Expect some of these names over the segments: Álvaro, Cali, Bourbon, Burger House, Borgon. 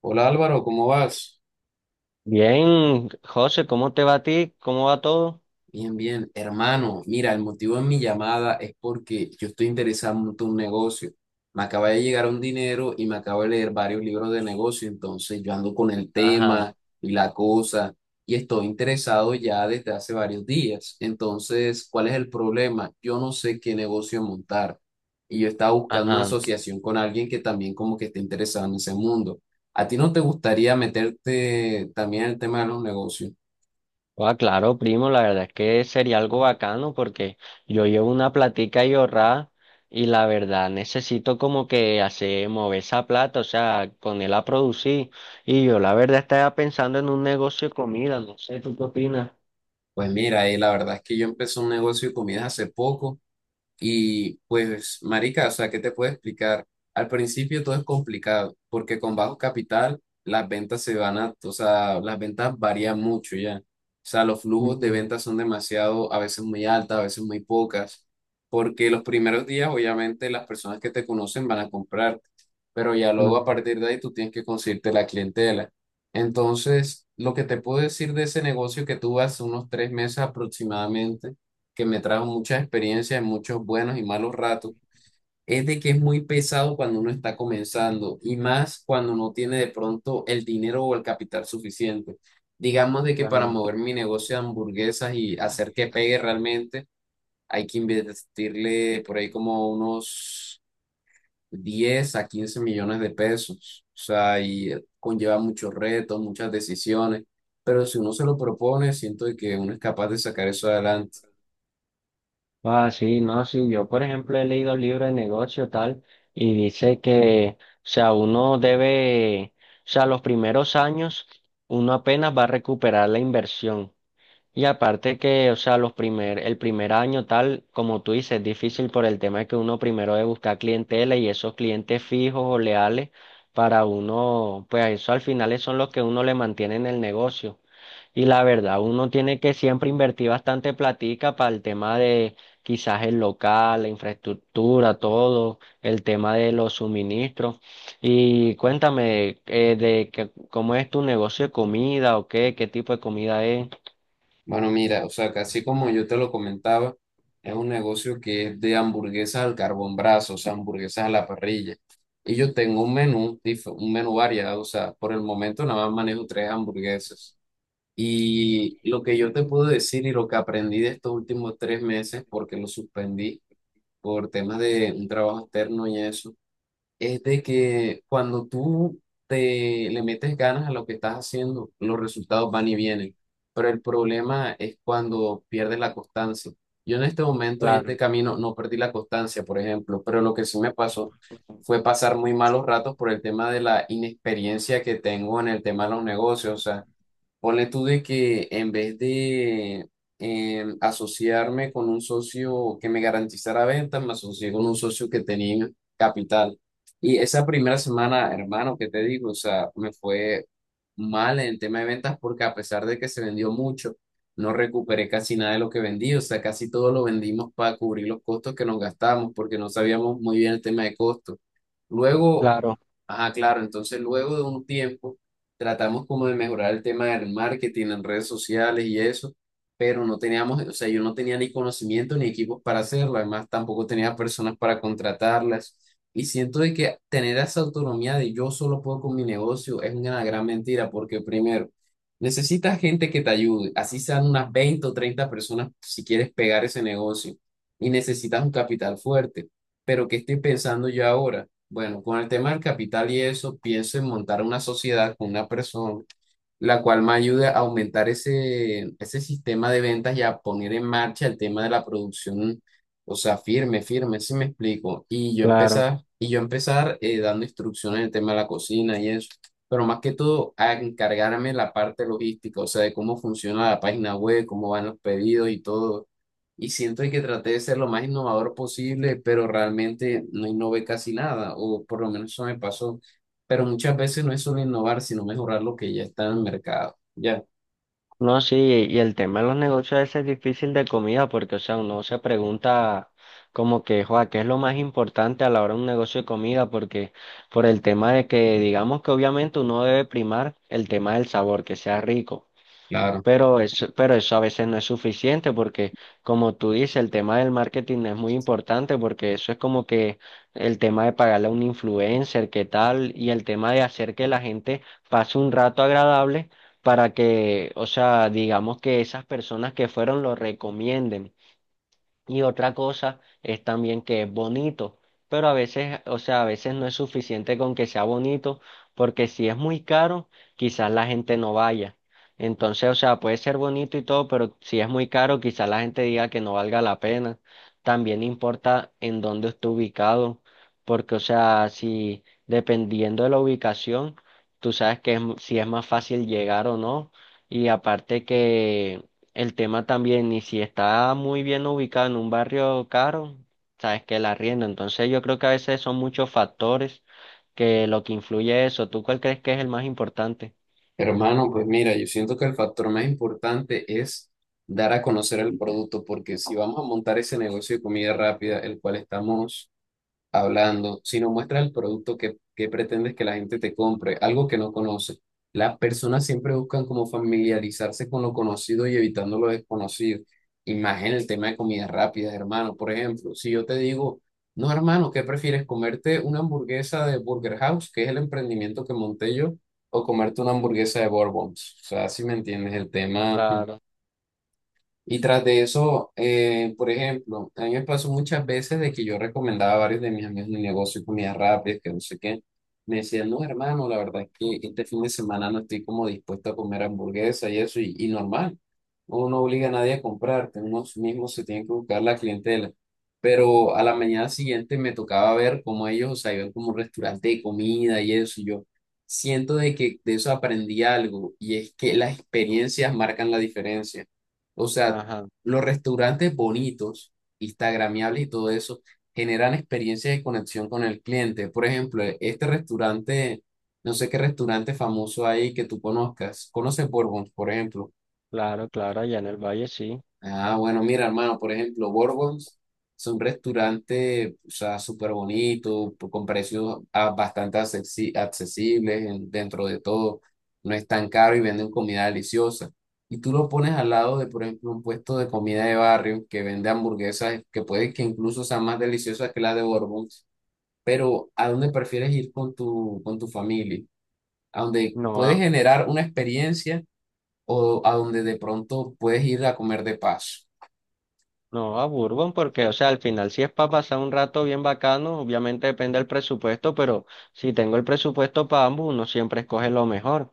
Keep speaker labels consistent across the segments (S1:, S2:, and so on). S1: Hola Álvaro, ¿cómo vas?
S2: Bien, José, ¿cómo te va a ti? ¿Cómo va todo?
S1: Bien, bien. Hermano, mira, el motivo de mi llamada es porque yo estoy interesado en montar un negocio. Me acaba de llegar un dinero y me acabo de leer varios libros de negocio, entonces yo ando con el
S2: Ajá,
S1: tema y la cosa y estoy interesado ya desde hace varios días. Entonces, ¿cuál es el problema? Yo no sé qué negocio montar y yo estaba buscando una
S2: ajá.
S1: asociación con alguien que también como que esté interesado en ese mundo. ¿A ti no te gustaría meterte también en el tema de los negocios?
S2: Ah, claro, primo, la verdad es que sería algo bacano porque yo llevo una platica y ahorrada y la verdad necesito como que hacer mover esa plata, o sea, ponerla a producir. Y yo la verdad estaba pensando en un negocio de comida, no sé, ¿tú qué opinas?
S1: Pues mira, y la verdad es que yo empecé un negocio de comidas hace poco. Y pues, marica, o sea, ¿qué te puedo explicar? Al principio todo es complicado, porque con bajo capital las ventas se van a, o sea, las ventas varían mucho ya. O sea, los flujos de
S2: Ujú,
S1: ventas son demasiado, a veces muy altas, a veces muy pocas, porque los primeros días, obviamente, las personas que te conocen van a comprar, pero ya luego a
S2: ujú,
S1: partir de ahí tú tienes que conseguirte la clientela. Entonces, lo que te puedo decir de ese negocio que tuve hace unos 3 meses aproximadamente, que me trajo muchas experiencias, muchos buenos y malos ratos, es de que es muy pesado cuando uno está comenzando y más cuando no tiene de pronto el dinero o el capital suficiente. Digamos de que para
S2: claro.
S1: mover mi negocio de hamburguesas y hacer que pegue realmente, hay que invertirle por ahí como unos 10 a 15 millones de pesos. O sea, y conlleva muchos retos, muchas decisiones, pero si uno se lo propone, siento de que uno es capaz de sacar eso adelante.
S2: Ah, sí, no, sí, yo por ejemplo he leído libros de negocio tal y dice que, o sea, uno debe, o sea, los primeros años uno apenas va a recuperar la inversión. Y aparte que, o sea, el primer año tal, como tú dices, es difícil por el tema de que uno primero debe buscar clientela y esos clientes fijos o leales para uno, pues eso al final son los que uno le mantiene en el negocio. Y la verdad, uno tiene que siempre invertir bastante platica para el tema de quizás el local, la infraestructura, todo, el tema de los suministros. Y cuéntame, de que, cómo es tu negocio de comida o qué tipo de comida es.
S1: Bueno, mira, o sea, casi como yo te lo comentaba, es un negocio que es de hamburguesas al carbón brazo, o sea, hamburguesas a la parrilla. Y yo tengo un menú, un menú variado, o sea, por el momento nada más manejo tres hamburguesas. Y lo que yo te puedo decir y lo que aprendí de estos últimos 3 meses, porque lo suspendí por temas de un trabajo externo y eso, es de que cuando tú te le metes ganas a lo que estás haciendo, los resultados van y vienen. Pero el problema es cuando pierdes la constancia. Yo en este momento y este
S2: Claro.
S1: camino no perdí la constancia, por ejemplo, pero lo que sí me pasó fue pasar muy malos ratos por el tema de la inexperiencia que tengo en el tema de los negocios. O sea, ponle tú de que en vez de asociarme con un socio que me garantizara ventas, me asocié con un socio que tenía capital. Y esa primera semana, hermano, ¿que te digo? O sea, me fue mal en el tema de ventas porque a pesar de que se vendió mucho, no recuperé casi nada de lo que vendí. O sea, casi todo lo vendimos para cubrir los costos que nos gastamos porque no sabíamos muy bien el tema de costos. Luego
S2: Claro,
S1: Ajá, claro. Entonces, luego de un tiempo, tratamos como de mejorar el tema del marketing en redes sociales y eso, pero no teníamos, o sea, yo no tenía ni conocimiento ni equipos para hacerlo. Además, tampoco tenía personas para contratarlas. Y siento de que tener esa autonomía de yo solo puedo con mi negocio es una gran mentira, porque primero, necesitas gente que te ayude, así sean unas 20 o 30 personas si quieres pegar ese negocio. Y necesitas un capital fuerte. Pero ¿qué estoy pensando yo ahora? Bueno, con el tema del capital y eso, pienso en montar una sociedad con una persona la cual me ayude a aumentar ese sistema de ventas y a poner en marcha el tema de la producción, o sea, firme, firme, si me explico. Y yo
S2: claro.
S1: empezar, y yo empezar eh, dando instrucciones en el tema de la cocina y eso, pero más que todo a encargarme la parte logística, o sea, de cómo funciona la página web, cómo van los pedidos y todo. Y siento que traté de ser lo más innovador posible, pero realmente no innové casi nada, o por lo menos eso me pasó, pero muchas veces no es solo innovar, sino mejorar lo que ya está en el mercado. Ya.
S2: No, sí, y el tema de los negocios ese es difícil de comida porque, o sea, uno se pregunta como que, joa, ¿qué es lo más importante a la hora de un negocio de comida? Porque por el tema de que, digamos que obviamente uno debe primar el tema del sabor, que sea rico.
S1: Claro, claro.
S2: Pero eso a veces no es suficiente porque, como tú dices, el tema del marketing es muy importante porque eso es como que el tema de pagarle a un influencer, qué tal, y el tema de hacer que la gente pase un rato agradable para que, o sea, digamos que esas personas que fueron lo recomienden. Y otra cosa es también que es bonito, pero a veces, o sea, a veces no es suficiente con que sea bonito, porque si es muy caro, quizás la gente no vaya. Entonces, o sea, puede ser bonito y todo, pero si es muy caro, quizás la gente diga que no valga la pena. También importa en dónde esté ubicado, porque, o sea, si dependiendo de la ubicación, tú sabes que si es más fácil llegar o no, y aparte que el tema también, y si está muy bien ubicado en un barrio caro, sabes que la arriendo. Entonces yo creo que a veces son muchos factores que lo que influye eso. ¿Tú cuál crees que es el más importante?
S1: Hermano, pues mira, yo siento que el factor más importante es dar a conocer el producto, porque si vamos a montar ese negocio de comida rápida, el cual estamos hablando, sino muestra el producto que pretendes que la gente te compre, algo que no conoce. Las personas siempre buscan como familiarizarse con lo conocido y evitando lo desconocido. Y más en el tema de comidas rápidas, hermano. Por ejemplo, si yo te digo, no, hermano, ¿qué prefieres? ¿Comerte una hamburguesa de Burger House, que es el emprendimiento que monté yo, o comerte una hamburguesa de Bourbons? O sea, si me entiendes el tema.
S2: Claro,
S1: Y tras de eso, por ejemplo, a mí me pasó muchas veces de que yo recomendaba a varios de mis amigos mi negocio, comidas rápidas, que no sé qué. Me decían, no, hermano, la verdad es que este fin de semana no estoy como dispuesto a comer hamburguesa y eso, y normal. Uno no obliga a nadie a comprar, uno sí mismo se tiene que buscar la clientela. Pero a la mañana siguiente me tocaba ver cómo ellos, o sea, iban como un restaurante de comida y eso, y yo siento de que de eso aprendí algo, y es que las experiencias marcan la diferencia. O sea,
S2: ajá,
S1: los restaurantes bonitos, instagramiables y todo eso, generan experiencias de conexión con el cliente. Por ejemplo, este restaurante, no sé qué restaurante famoso hay que tú conozcas. ¿Conoces Bourbon, por ejemplo?
S2: claro, claro, allá en el valle sí.
S1: Ah, bueno, mira, hermano, por ejemplo, Borgons es un restaurante, o sea, súper bonito, con precios bastante accesibles dentro de todo. No es tan caro y venden comida deliciosa. Y tú lo pones al lado de, por ejemplo, un puesto de comida de barrio que vende hamburguesas que puede que incluso sean más deliciosas que la de Borgons. Pero ¿a dónde prefieres ir con con tu familia? ¿A dónde
S2: No
S1: puedes
S2: a,
S1: generar una experiencia o a donde de pronto puedes ir a comer de paso?
S2: no a Bourbon porque, o sea, al final si es para pasar un rato bien bacano, obviamente depende del presupuesto, pero si tengo el presupuesto para ambos, uno siempre escoge lo mejor.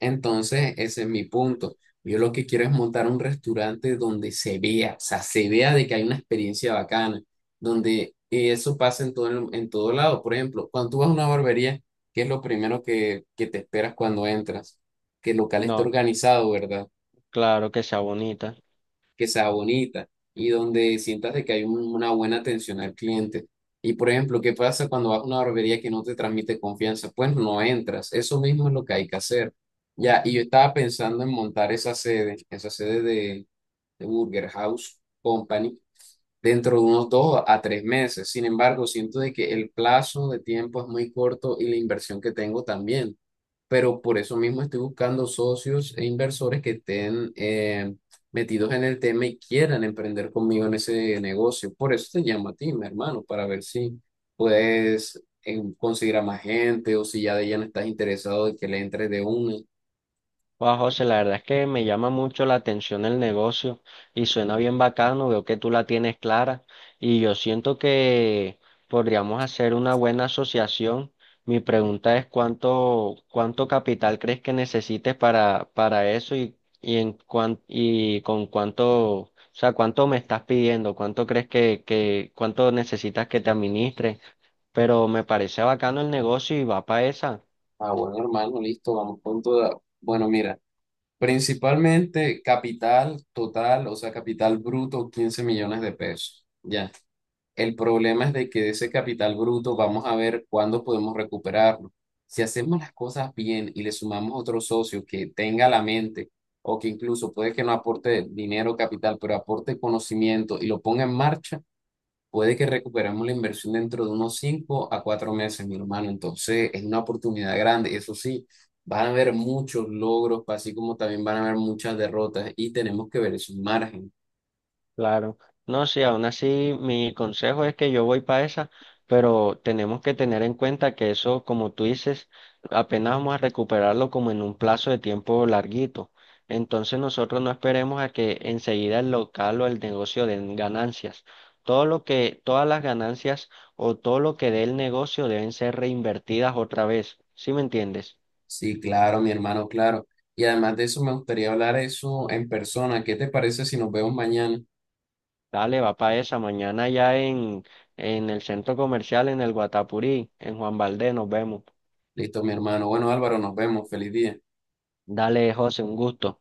S1: Entonces, ese es mi punto. Yo lo que quiero es montar un restaurante donde se vea, o sea, se vea de que hay una experiencia bacana, donde eso pasa en todo, en todo lado. Por ejemplo, cuando tú vas a una barbería, ¿qué es lo primero que te esperas cuando entras? Que el local esté
S2: No,
S1: organizado, ¿verdad?
S2: claro que sea bonita.
S1: Que sea bonita y donde sientas de que hay una buena atención al cliente. Y por ejemplo, ¿qué pasa cuando vas a una barbería que no te transmite confianza? Pues no entras. Eso mismo es lo que hay que hacer. Ya, y yo estaba pensando en montar esa sede, de Burger House Company dentro de unos 2 a 3 meses. Sin embargo, siento de que el plazo de tiempo es muy corto y la inversión que tengo también, pero por eso mismo estoy buscando socios e inversores que estén metidos en el tema y quieran emprender conmigo en ese negocio. Por eso te llamo a ti, mi hermano, para ver si puedes conseguir a más gente o si ya de ya no estás interesado de que le entres de una.
S2: Wow, José, la verdad es que me llama mucho la atención el negocio y suena bien bacano, veo que tú la tienes clara y yo siento que podríamos hacer una buena asociación. Mi pregunta es cuánto capital crees que necesites para eso y y con cuánto, o sea, cuánto me estás pidiendo, cuánto crees que cuánto necesitas que te administre, pero me parece bacano el negocio y va para esa.
S1: Ah, bueno, hermano, listo, vamos con toda. Bueno, mira, principalmente capital total, o sea, capital bruto, 15 millones de pesos. Ya. El problema es de que de ese capital bruto vamos a ver cuándo podemos recuperarlo. Si hacemos las cosas bien y le sumamos otro socio que tenga la mente o que incluso puede que no aporte dinero capital, pero aporte conocimiento y lo ponga en marcha, puede que recuperemos la inversión dentro de unos 5 a 4 meses, mi hermano. Entonces es una oportunidad grande. Eso sí, van a haber muchos logros, así como también van a haber muchas derrotas y tenemos que ver esos márgenes.
S2: Claro, no, sí, aún así mi consejo es que yo voy para esa, pero tenemos que tener en cuenta que eso, como tú dices, apenas vamos a recuperarlo como en un plazo de tiempo larguito. Entonces nosotros no esperemos a que enseguida el local o el negocio den ganancias. Todas las ganancias o todo lo que dé el negocio deben ser reinvertidas otra vez. ¿Sí me entiendes?
S1: Sí, claro, mi hermano, claro. Y además de eso, me gustaría hablar eso en persona. ¿Qué te parece si nos vemos mañana?
S2: Dale, va para esa. En el centro comercial, en el Guatapurí, en Juan Valdez, nos vemos.
S1: Listo, mi hermano. Bueno, Álvaro, nos vemos. Feliz día.
S2: Dale, José, un gusto.